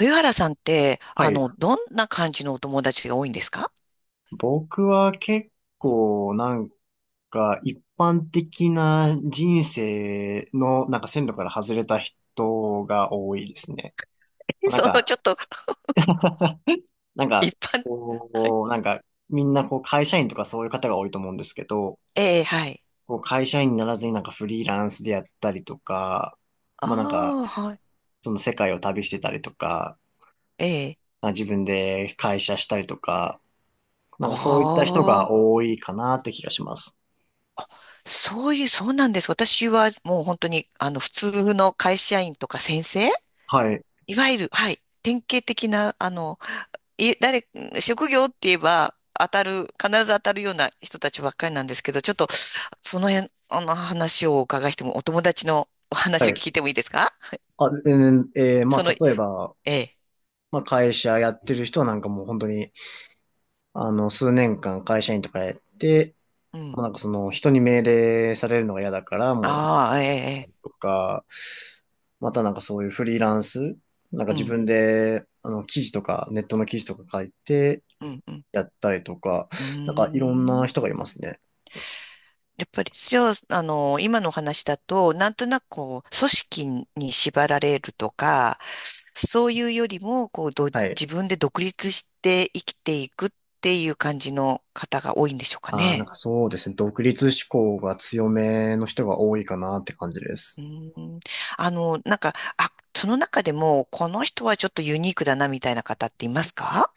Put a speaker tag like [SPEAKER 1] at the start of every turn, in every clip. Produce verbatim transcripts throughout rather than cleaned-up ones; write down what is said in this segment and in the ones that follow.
[SPEAKER 1] 豊原さんって、
[SPEAKER 2] は
[SPEAKER 1] あ
[SPEAKER 2] い。
[SPEAKER 1] の、どんな感じのお友達が多いんですか？
[SPEAKER 2] 僕は結構なんか一般的な人生のなんか線路から外れた人が多いですね。な
[SPEAKER 1] そ
[SPEAKER 2] ん
[SPEAKER 1] の、ち
[SPEAKER 2] か、
[SPEAKER 1] ょっと、
[SPEAKER 2] なん
[SPEAKER 1] 一
[SPEAKER 2] か、
[SPEAKER 1] 般、はい。
[SPEAKER 2] こう、なんかみんなこう会社員とかそういう方が多いと思うんですけど、
[SPEAKER 1] ええ、はい。
[SPEAKER 2] こう会社員にならずになんかフリーランスでやったりとか、まあなんか
[SPEAKER 1] ああ、はい。
[SPEAKER 2] その世界を旅してたりとか、
[SPEAKER 1] ええ。
[SPEAKER 2] まあ自分で会社したりとか、なんかそういった人
[SPEAKER 1] あ
[SPEAKER 2] が
[SPEAKER 1] あ、
[SPEAKER 2] 多いかなって気がします。
[SPEAKER 1] そういう、そうなんです。私はもう本当に、あの、普通の会社員とか先生、
[SPEAKER 2] はい。
[SPEAKER 1] いわゆる、はい。典型的な、あの、い、誰、職業って言えば、当たる、必ず当たるような人たちばっかりなんですけど、ちょっと、その辺、あの話をお伺いしても、お友達のお
[SPEAKER 2] は
[SPEAKER 1] 話を
[SPEAKER 2] い、
[SPEAKER 1] 聞いてもいいですか？
[SPEAKER 2] あ、うん、えーま
[SPEAKER 1] その、え
[SPEAKER 2] あ、例えば、
[SPEAKER 1] え。
[SPEAKER 2] まあ、会社やってる人はなんかもう本当に、あの、数年間会社員とかやって、
[SPEAKER 1] う
[SPEAKER 2] も
[SPEAKER 1] ん。
[SPEAKER 2] うなんかその人に命令されるのが嫌だから、もう、
[SPEAKER 1] ああ、ええ、ええ、
[SPEAKER 2] とか、またなんかそういうフリーランス、なんか
[SPEAKER 1] う
[SPEAKER 2] 自
[SPEAKER 1] ん、
[SPEAKER 2] 分で、あの、記事とか、ネットの記事とか書いて
[SPEAKER 1] うん、うん。
[SPEAKER 2] やったりとか、
[SPEAKER 1] う
[SPEAKER 2] なんかいろん
[SPEAKER 1] ーん。
[SPEAKER 2] な人がいますね。
[SPEAKER 1] やっぱり、じゃあ、あの、今のお話だと、なんとなくこう、組織に縛られるとか、そういうよりも、こう、ど、
[SPEAKER 2] はい。
[SPEAKER 1] 自分で独立して生きていくっていう感じの方が多いんでしょうか
[SPEAKER 2] ああ、なん
[SPEAKER 1] ね。
[SPEAKER 2] かそうですね。独立志向が強めの人が多いかなって感じで
[SPEAKER 1] うー
[SPEAKER 2] す。
[SPEAKER 1] ん。あの、なんか、あ、その中でも、この人はちょっとユニークだな、みたいな方っていますか？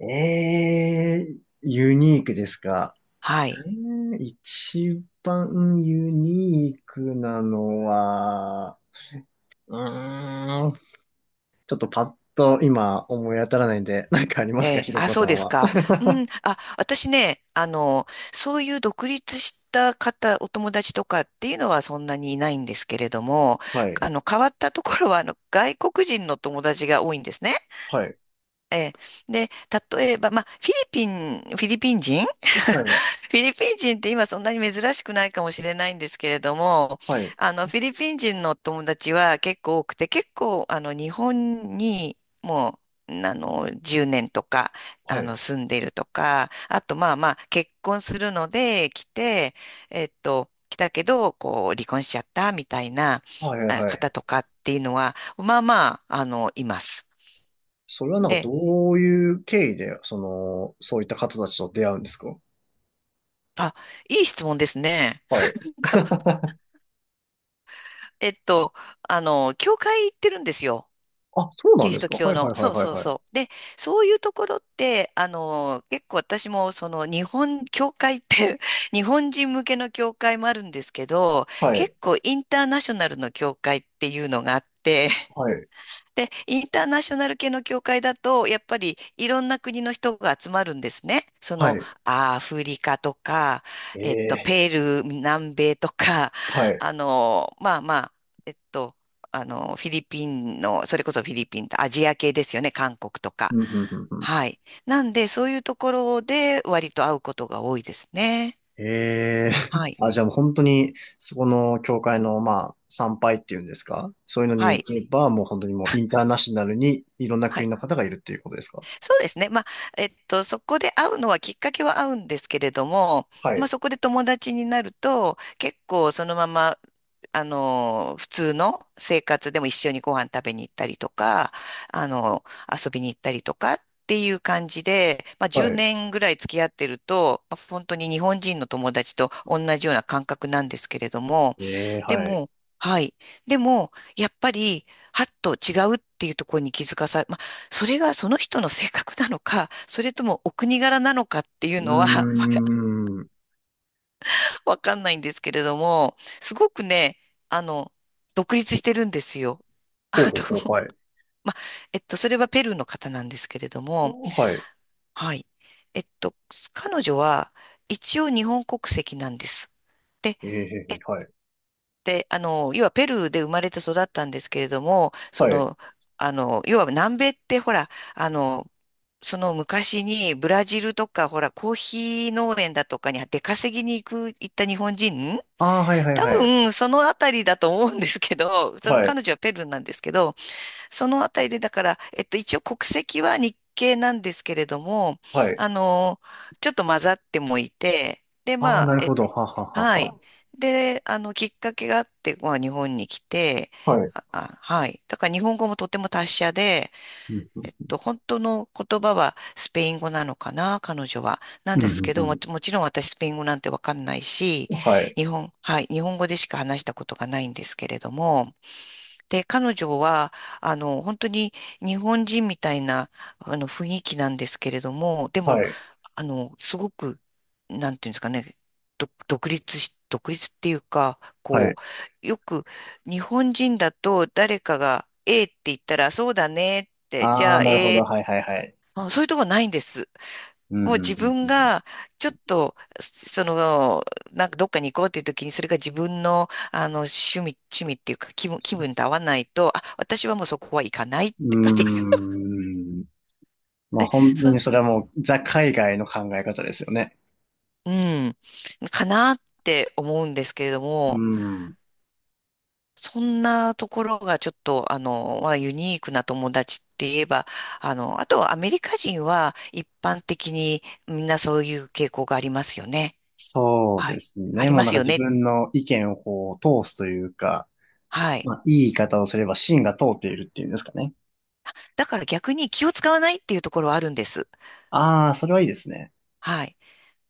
[SPEAKER 2] ええ、ユニークですか？
[SPEAKER 1] はい。
[SPEAKER 2] えー一番ユニークなのは、うーん、ちょっとパッと今思い当たらないんで、なんかありま
[SPEAKER 1] え
[SPEAKER 2] すか、
[SPEAKER 1] え、
[SPEAKER 2] ひろ
[SPEAKER 1] あ、
[SPEAKER 2] こ
[SPEAKER 1] そう
[SPEAKER 2] さ
[SPEAKER 1] で
[SPEAKER 2] ん
[SPEAKER 1] す
[SPEAKER 2] は？
[SPEAKER 1] か。うん、あ、私ね、あの、そういう独立した方、お友達とかっていうのはそんなにいないんですけれども、
[SPEAKER 2] はい、
[SPEAKER 1] あの、変わったところは、あの、外国人の友達が多いんですね。
[SPEAKER 2] はい、
[SPEAKER 1] ええ、で、例えば、まあ、フィリピン、フィリピン人、
[SPEAKER 2] はい、
[SPEAKER 1] フィリピン人って今そんなに珍しくないかもしれないんですけれども、
[SPEAKER 2] はい、
[SPEAKER 1] あの、フィリピン人の友達は結構多くて、結構、あの、日本にもう、あの、じゅうねんとか、
[SPEAKER 2] は
[SPEAKER 1] あ
[SPEAKER 2] い、
[SPEAKER 1] の、住んでるとか、あと、まあまあ、結婚するので来て、えっと、来たけど、こう、離婚しちゃったみたいな
[SPEAKER 2] はい、
[SPEAKER 1] あ
[SPEAKER 2] はい。
[SPEAKER 1] 方とかっていうのは、まあまあ、あの、います。
[SPEAKER 2] それはなんか
[SPEAKER 1] で、
[SPEAKER 2] どういう経緯で、その、そういった方たちと出会うんですか？
[SPEAKER 1] あ、いい質問ですね。
[SPEAKER 2] はい。
[SPEAKER 1] がえっと、あの、教会行ってるんですよ。
[SPEAKER 2] あ、そうな
[SPEAKER 1] キ
[SPEAKER 2] ん
[SPEAKER 1] リ
[SPEAKER 2] で
[SPEAKER 1] ス
[SPEAKER 2] す
[SPEAKER 1] ト
[SPEAKER 2] か。
[SPEAKER 1] 教
[SPEAKER 2] はい、は
[SPEAKER 1] の、
[SPEAKER 2] い、はい、
[SPEAKER 1] そう
[SPEAKER 2] はい、
[SPEAKER 1] そう
[SPEAKER 2] はい。
[SPEAKER 1] そう。で、そういうところって、あの、結構私も、その、日本、教会って 日本人向けの教会もあるんですけど、
[SPEAKER 2] は
[SPEAKER 1] 結
[SPEAKER 2] い、
[SPEAKER 1] 構インターナショナルの教会っていうのがあって、
[SPEAKER 2] はい、
[SPEAKER 1] で、インターナショナル系の教会だと、やっぱりいろんな国の人が集まるんですね。そ
[SPEAKER 2] は
[SPEAKER 1] の、
[SPEAKER 2] い。
[SPEAKER 1] アフリカとか、
[SPEAKER 2] え
[SPEAKER 1] えっと、
[SPEAKER 2] え、
[SPEAKER 1] ペルー、南米とか、
[SPEAKER 2] は い。
[SPEAKER 1] あの、まあまあ、えっと、あの、フィリピンの、それこそフィリピンとアジア系ですよね、韓国と
[SPEAKER 2] う
[SPEAKER 1] か。
[SPEAKER 2] んうんうんうん、
[SPEAKER 1] はい。なんで、そういうところで割と会うことが多いですね。
[SPEAKER 2] ええ。
[SPEAKER 1] は い。
[SPEAKER 2] あ、じゃあもう本当に、そこの教会の、まあ、参拝っていうんですか、そういうのに
[SPEAKER 1] は
[SPEAKER 2] 行
[SPEAKER 1] い。
[SPEAKER 2] けば、もう本当にもうインターナショナルにいろんな
[SPEAKER 1] は
[SPEAKER 2] 国
[SPEAKER 1] い、
[SPEAKER 2] の方がいるっていうことですか？
[SPEAKER 1] そうですね。まあ、えっと、そこで会うのはきっかけは合うんですけれども、
[SPEAKER 2] は
[SPEAKER 1] まあ、
[SPEAKER 2] い。
[SPEAKER 1] そこで友達になると、結構そのまま、あの、普通の生活でも一緒にご飯食べに行ったりとか、あの、遊びに行ったりとかっていう感じで、まあ、
[SPEAKER 2] は
[SPEAKER 1] 10
[SPEAKER 2] い。
[SPEAKER 1] 年ぐらい付き合ってると、まあ本当に日本人の友達と同じような感覚なんですけれども、
[SPEAKER 2] ええ、
[SPEAKER 1] で
[SPEAKER 2] はい。
[SPEAKER 1] も、はい。でも、やっぱり、はっと違うっていうところに気づかさ、それがその人の性格なのか、それともお国柄なのかっていう
[SPEAKER 2] う
[SPEAKER 1] のは
[SPEAKER 2] ーん。
[SPEAKER 1] わかんないんですけれども、すごくね、あの、独立してるんですよ。あ
[SPEAKER 2] ほうほうほう、
[SPEAKER 1] の、
[SPEAKER 2] はい。
[SPEAKER 1] ま、えっと、それはペルーの方なんですけれども、
[SPEAKER 2] はい。
[SPEAKER 1] はい。えっと、彼女は一応日本国籍なんです。で、
[SPEAKER 2] ええ、はい。
[SPEAKER 1] で、あの、要はペルーで生まれて育ったんですけれども、そ
[SPEAKER 2] はい。
[SPEAKER 1] の、あの、要は南米ってほら、あの、その昔にブラジルとか、ほら、コーヒー農園だとかに出稼ぎに行く、行った日本人、
[SPEAKER 2] ああ、はいはい
[SPEAKER 1] 多
[SPEAKER 2] はい。
[SPEAKER 1] 分、そのあたりだと思うんですけど、その
[SPEAKER 2] はい。
[SPEAKER 1] 彼女はペルーなんですけど、そのあたりで、だから、えっと、一応国籍は日系なんですけれども、
[SPEAKER 2] はい。
[SPEAKER 1] あの、ちょっと混ざってもいて、で、
[SPEAKER 2] ああ、
[SPEAKER 1] まあ、
[SPEAKER 2] なる
[SPEAKER 1] え、
[SPEAKER 2] ほど。はは
[SPEAKER 1] はい。
[SPEAKER 2] は
[SPEAKER 1] で、あの、きっかけがあって、まあ、日本に来て、
[SPEAKER 2] は。はい。
[SPEAKER 1] あ、あ、はい。だから日本語もとても達者で、
[SPEAKER 2] うん、
[SPEAKER 1] えっと、本当の言葉はスペイン語なのかな、彼女は。なん
[SPEAKER 2] うん、
[SPEAKER 1] ですけど
[SPEAKER 2] う
[SPEAKER 1] も、
[SPEAKER 2] ん、
[SPEAKER 1] もちろん私スペイン語なんてわかんないし、
[SPEAKER 2] うん、はい。
[SPEAKER 1] 日本、はい、日本語でしか話したことがないんですけれども、で、彼女は、あの、本当に日本人みたいな、あの、雰囲気なんですけれども、で
[SPEAKER 2] は
[SPEAKER 1] も、
[SPEAKER 2] い。
[SPEAKER 1] あの、すごく、なんていうんですかね、ど独立し、独立っていうか、
[SPEAKER 2] は
[SPEAKER 1] こ
[SPEAKER 2] い。
[SPEAKER 1] う、よく日本人だと誰かが、ええって言ったら、そうだねって、じ
[SPEAKER 2] あ
[SPEAKER 1] ゃ
[SPEAKER 2] あ、
[SPEAKER 1] あ、え
[SPEAKER 2] なるほど。
[SPEAKER 1] え、
[SPEAKER 2] はいはいはい。
[SPEAKER 1] あ、そういうとこないんです。
[SPEAKER 2] うん、うん、
[SPEAKER 1] もう
[SPEAKER 2] うん。
[SPEAKER 1] 自
[SPEAKER 2] うん、
[SPEAKER 1] 分が、ちょっと、その、なんかどっかに行こうっていう時に、それが自分の、あの、趣味、趣味っていうか、気分、気分と合わないと、あ、私はもうそこは行かないっ
[SPEAKER 2] う
[SPEAKER 1] て、
[SPEAKER 2] ー ん。まあ本当
[SPEAKER 1] そ
[SPEAKER 2] に
[SPEAKER 1] う、
[SPEAKER 2] それはもうザ海外の考え方ですよね。
[SPEAKER 1] うん、かなって思うんですけれど
[SPEAKER 2] う
[SPEAKER 1] も、
[SPEAKER 2] ん。
[SPEAKER 1] そんなところがちょっと、あの、まあ、ユニークな友達って言えば、あの、あとはアメリカ人は一般的にみんなそういう傾向がありますよね。
[SPEAKER 2] そう
[SPEAKER 1] は
[SPEAKER 2] で
[SPEAKER 1] い。
[SPEAKER 2] す
[SPEAKER 1] あ
[SPEAKER 2] ね。
[SPEAKER 1] り
[SPEAKER 2] もう
[SPEAKER 1] ま
[SPEAKER 2] なん
[SPEAKER 1] す
[SPEAKER 2] か
[SPEAKER 1] よ
[SPEAKER 2] 自
[SPEAKER 1] ね。
[SPEAKER 2] 分の意見をこう通すというか、
[SPEAKER 1] はい。
[SPEAKER 2] まあいい言い方をすれば芯が通っているっていうんですかね。
[SPEAKER 1] だから逆に気を使わないっていうところはあるんです。
[SPEAKER 2] ああ、それはいいですね。
[SPEAKER 1] はい。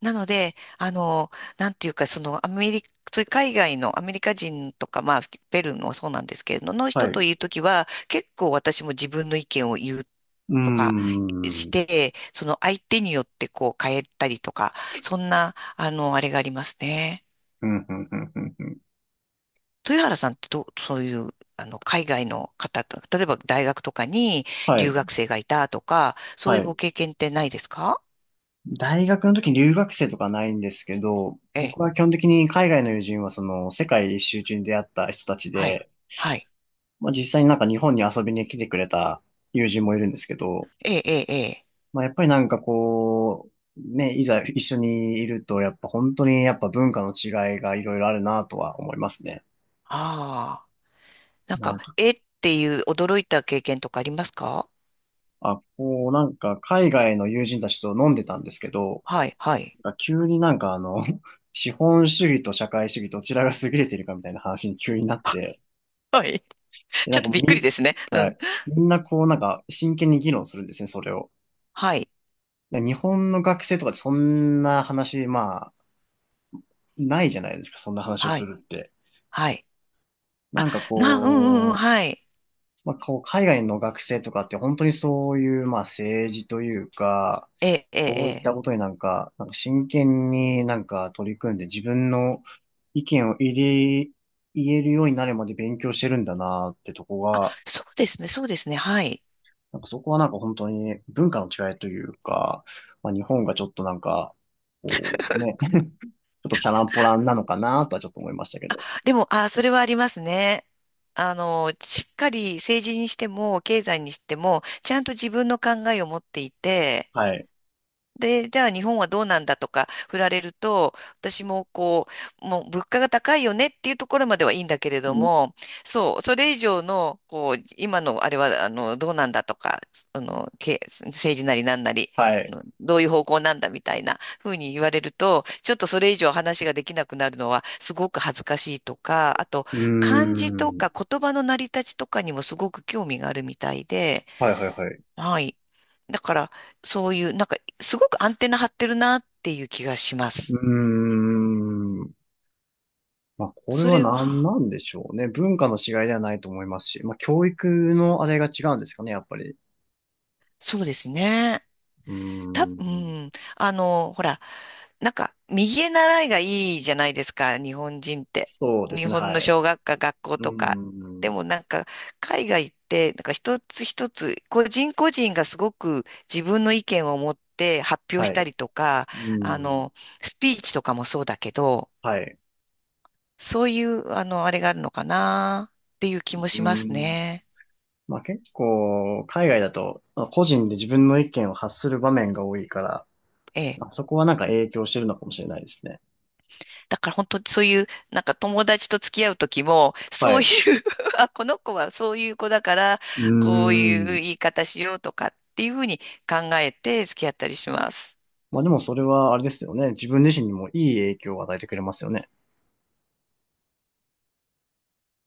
[SPEAKER 1] なので、あの、なんていうか、そのアメリカ、そういう海外のアメリカ人とか、まあ、ペルーもそうなんですけれど、の
[SPEAKER 2] は
[SPEAKER 1] 人
[SPEAKER 2] い。
[SPEAKER 1] と
[SPEAKER 2] う
[SPEAKER 1] いうときは、結構私も自分の意見を言う
[SPEAKER 2] ー
[SPEAKER 1] とか
[SPEAKER 2] ん。う
[SPEAKER 1] し
[SPEAKER 2] ん、
[SPEAKER 1] て、その相手によってこう変えたりとか、そんな、あの、あれがありますね。
[SPEAKER 2] うん、うん、うん。うん、
[SPEAKER 1] 豊原さんってどう、そういう、あの、海外の方と、例えば大学とかに
[SPEAKER 2] は
[SPEAKER 1] 留
[SPEAKER 2] い。
[SPEAKER 1] 学生がいたとか、そういう
[SPEAKER 2] はい。
[SPEAKER 1] ご経験ってないですか？
[SPEAKER 2] 大学の時に留学生とかないんですけど、
[SPEAKER 1] ええ、
[SPEAKER 2] 僕は基本的に海外の友人はその世界一周中に出会った人たち
[SPEAKER 1] はい。
[SPEAKER 2] で、
[SPEAKER 1] はい。
[SPEAKER 2] まあ、実際になんか日本に遊びに来てくれた友人もいるんですけど、
[SPEAKER 1] ええ、ええ、ええ。
[SPEAKER 2] まあ、やっぱりなんかこう、ね、いざ一緒にいると、やっぱ本当にやっぱ文化の違いがいろいろあるなとは思いますね。
[SPEAKER 1] ああ。なん
[SPEAKER 2] な
[SPEAKER 1] か、
[SPEAKER 2] んか、
[SPEAKER 1] えっていう驚いた経験とかありますか？
[SPEAKER 2] あ、こう、なんか海外の友人たちと飲んでたんですけど、
[SPEAKER 1] はい、はい。
[SPEAKER 2] なんか急になんかあの、資本主義と社会主義どちらが優れているかみたいな話に急になって、
[SPEAKER 1] はい。
[SPEAKER 2] で、
[SPEAKER 1] ち
[SPEAKER 2] な
[SPEAKER 1] ょっ
[SPEAKER 2] んか
[SPEAKER 1] と
[SPEAKER 2] も
[SPEAKER 1] び
[SPEAKER 2] う
[SPEAKER 1] っくりで
[SPEAKER 2] み、
[SPEAKER 1] すね。う
[SPEAKER 2] は
[SPEAKER 1] ん。
[SPEAKER 2] い。みんなこうなんか真剣に議論するんですね、それを。
[SPEAKER 1] はい、
[SPEAKER 2] で、日本の学生とかでそんな話、まないじゃないですか、そんな話を
[SPEAKER 1] は
[SPEAKER 2] す
[SPEAKER 1] い、
[SPEAKER 2] るって。
[SPEAKER 1] はい。
[SPEAKER 2] なんか
[SPEAKER 1] な、うん、うん、うん、
[SPEAKER 2] こう、
[SPEAKER 1] はい。
[SPEAKER 2] まあ、こう海外の学生とかって本当にそういう、まあ、政治というか、
[SPEAKER 1] ええ、ええ、え
[SPEAKER 2] そういった
[SPEAKER 1] え。
[SPEAKER 2] ことになんか、なんか真剣になんか取り組んで自分の意見を入れ、言えるようになるまで勉強してるんだなってとこが、
[SPEAKER 1] そうですね、そうですね、はい。
[SPEAKER 2] なんかそこはなんか本当に文化の違いというか、まあ、日本がちょっとなんか、こうね、ちょっとチャランポランなのかなとはちょっと思いましたけど。
[SPEAKER 1] でも、ああ、それはありますね。あの、しっかり政治にしても、経済にしても、ちゃんと自分の考えを持っていて、
[SPEAKER 2] はい。
[SPEAKER 1] で、じゃあ日本はどうなんだとか振られると、私もこう、もう物価が高いよねっていうところまではいいんだけれ
[SPEAKER 2] う
[SPEAKER 1] ど
[SPEAKER 2] ん、
[SPEAKER 1] も、そう、それ以上の、こう、今のあれは、あの、どうなんだとか、あの、け、政治なりなんなり、
[SPEAKER 2] はい。
[SPEAKER 1] うん、どういう方向なんだみたいなふうに言われると、ちょっとそれ以上話ができなくなるのはすごく恥ずかしいとか、あと
[SPEAKER 2] う
[SPEAKER 1] 漢字
[SPEAKER 2] ー
[SPEAKER 1] と
[SPEAKER 2] ん。
[SPEAKER 1] か言葉の成り立ちとかにもすごく興味があるみたいで、
[SPEAKER 2] はいはいはい。
[SPEAKER 1] はい。だから、そういう、なんか、すごくアンテナ張ってるなっていう気がしま
[SPEAKER 2] うー
[SPEAKER 1] す。
[SPEAKER 2] ん。まあ、これ
[SPEAKER 1] そ
[SPEAKER 2] は
[SPEAKER 1] れ
[SPEAKER 2] 何
[SPEAKER 1] は、
[SPEAKER 2] なんでしょうね。文化の違いではないと思いますし、まあ、教育のあれが違うんですかね、やっぱり。
[SPEAKER 1] そうですね。
[SPEAKER 2] う
[SPEAKER 1] た、
[SPEAKER 2] ー
[SPEAKER 1] う
[SPEAKER 2] ん。
[SPEAKER 1] ん。あの、ほら、なんか、右へ習いがいいじゃないですか、日本人って。
[SPEAKER 2] そうで
[SPEAKER 1] 日
[SPEAKER 2] すね、
[SPEAKER 1] 本
[SPEAKER 2] は
[SPEAKER 1] の
[SPEAKER 2] い。
[SPEAKER 1] 小学科、学校
[SPEAKER 2] う
[SPEAKER 1] とか。
[SPEAKER 2] ー
[SPEAKER 1] で
[SPEAKER 2] ん。
[SPEAKER 1] もなんか、海外って、なんか一つ一つ、個人個人がすごく自分の意見を持って発表し
[SPEAKER 2] は
[SPEAKER 1] た
[SPEAKER 2] い。
[SPEAKER 1] りとか、
[SPEAKER 2] う
[SPEAKER 1] あ
[SPEAKER 2] ーん。
[SPEAKER 1] の、スピーチとかもそうだけど、
[SPEAKER 2] はい。
[SPEAKER 1] そういう、あの、あれがあるのかなっていう気も
[SPEAKER 2] う
[SPEAKER 1] しま
[SPEAKER 2] ー
[SPEAKER 1] す
[SPEAKER 2] ん。
[SPEAKER 1] ね。
[SPEAKER 2] まあ、結構、海外だと、まあ個人で自分の意見を発する場面が多いから、
[SPEAKER 1] ええ。
[SPEAKER 2] まあそこはなんか影響してるのかもしれないですね。
[SPEAKER 1] だから本当にそういう、なんか友達と付き合う時も、
[SPEAKER 2] は
[SPEAKER 1] そ
[SPEAKER 2] い。
[SPEAKER 1] ういう
[SPEAKER 2] う
[SPEAKER 1] あ、この子はそういう子だから、
[SPEAKER 2] ー
[SPEAKER 1] こういう言
[SPEAKER 2] ん。
[SPEAKER 1] い方しようとかっていうふうに考えて付き合ったりします。
[SPEAKER 2] まあでもそれはあれですよね。自分自身にもいい影響を与えてくれますよね。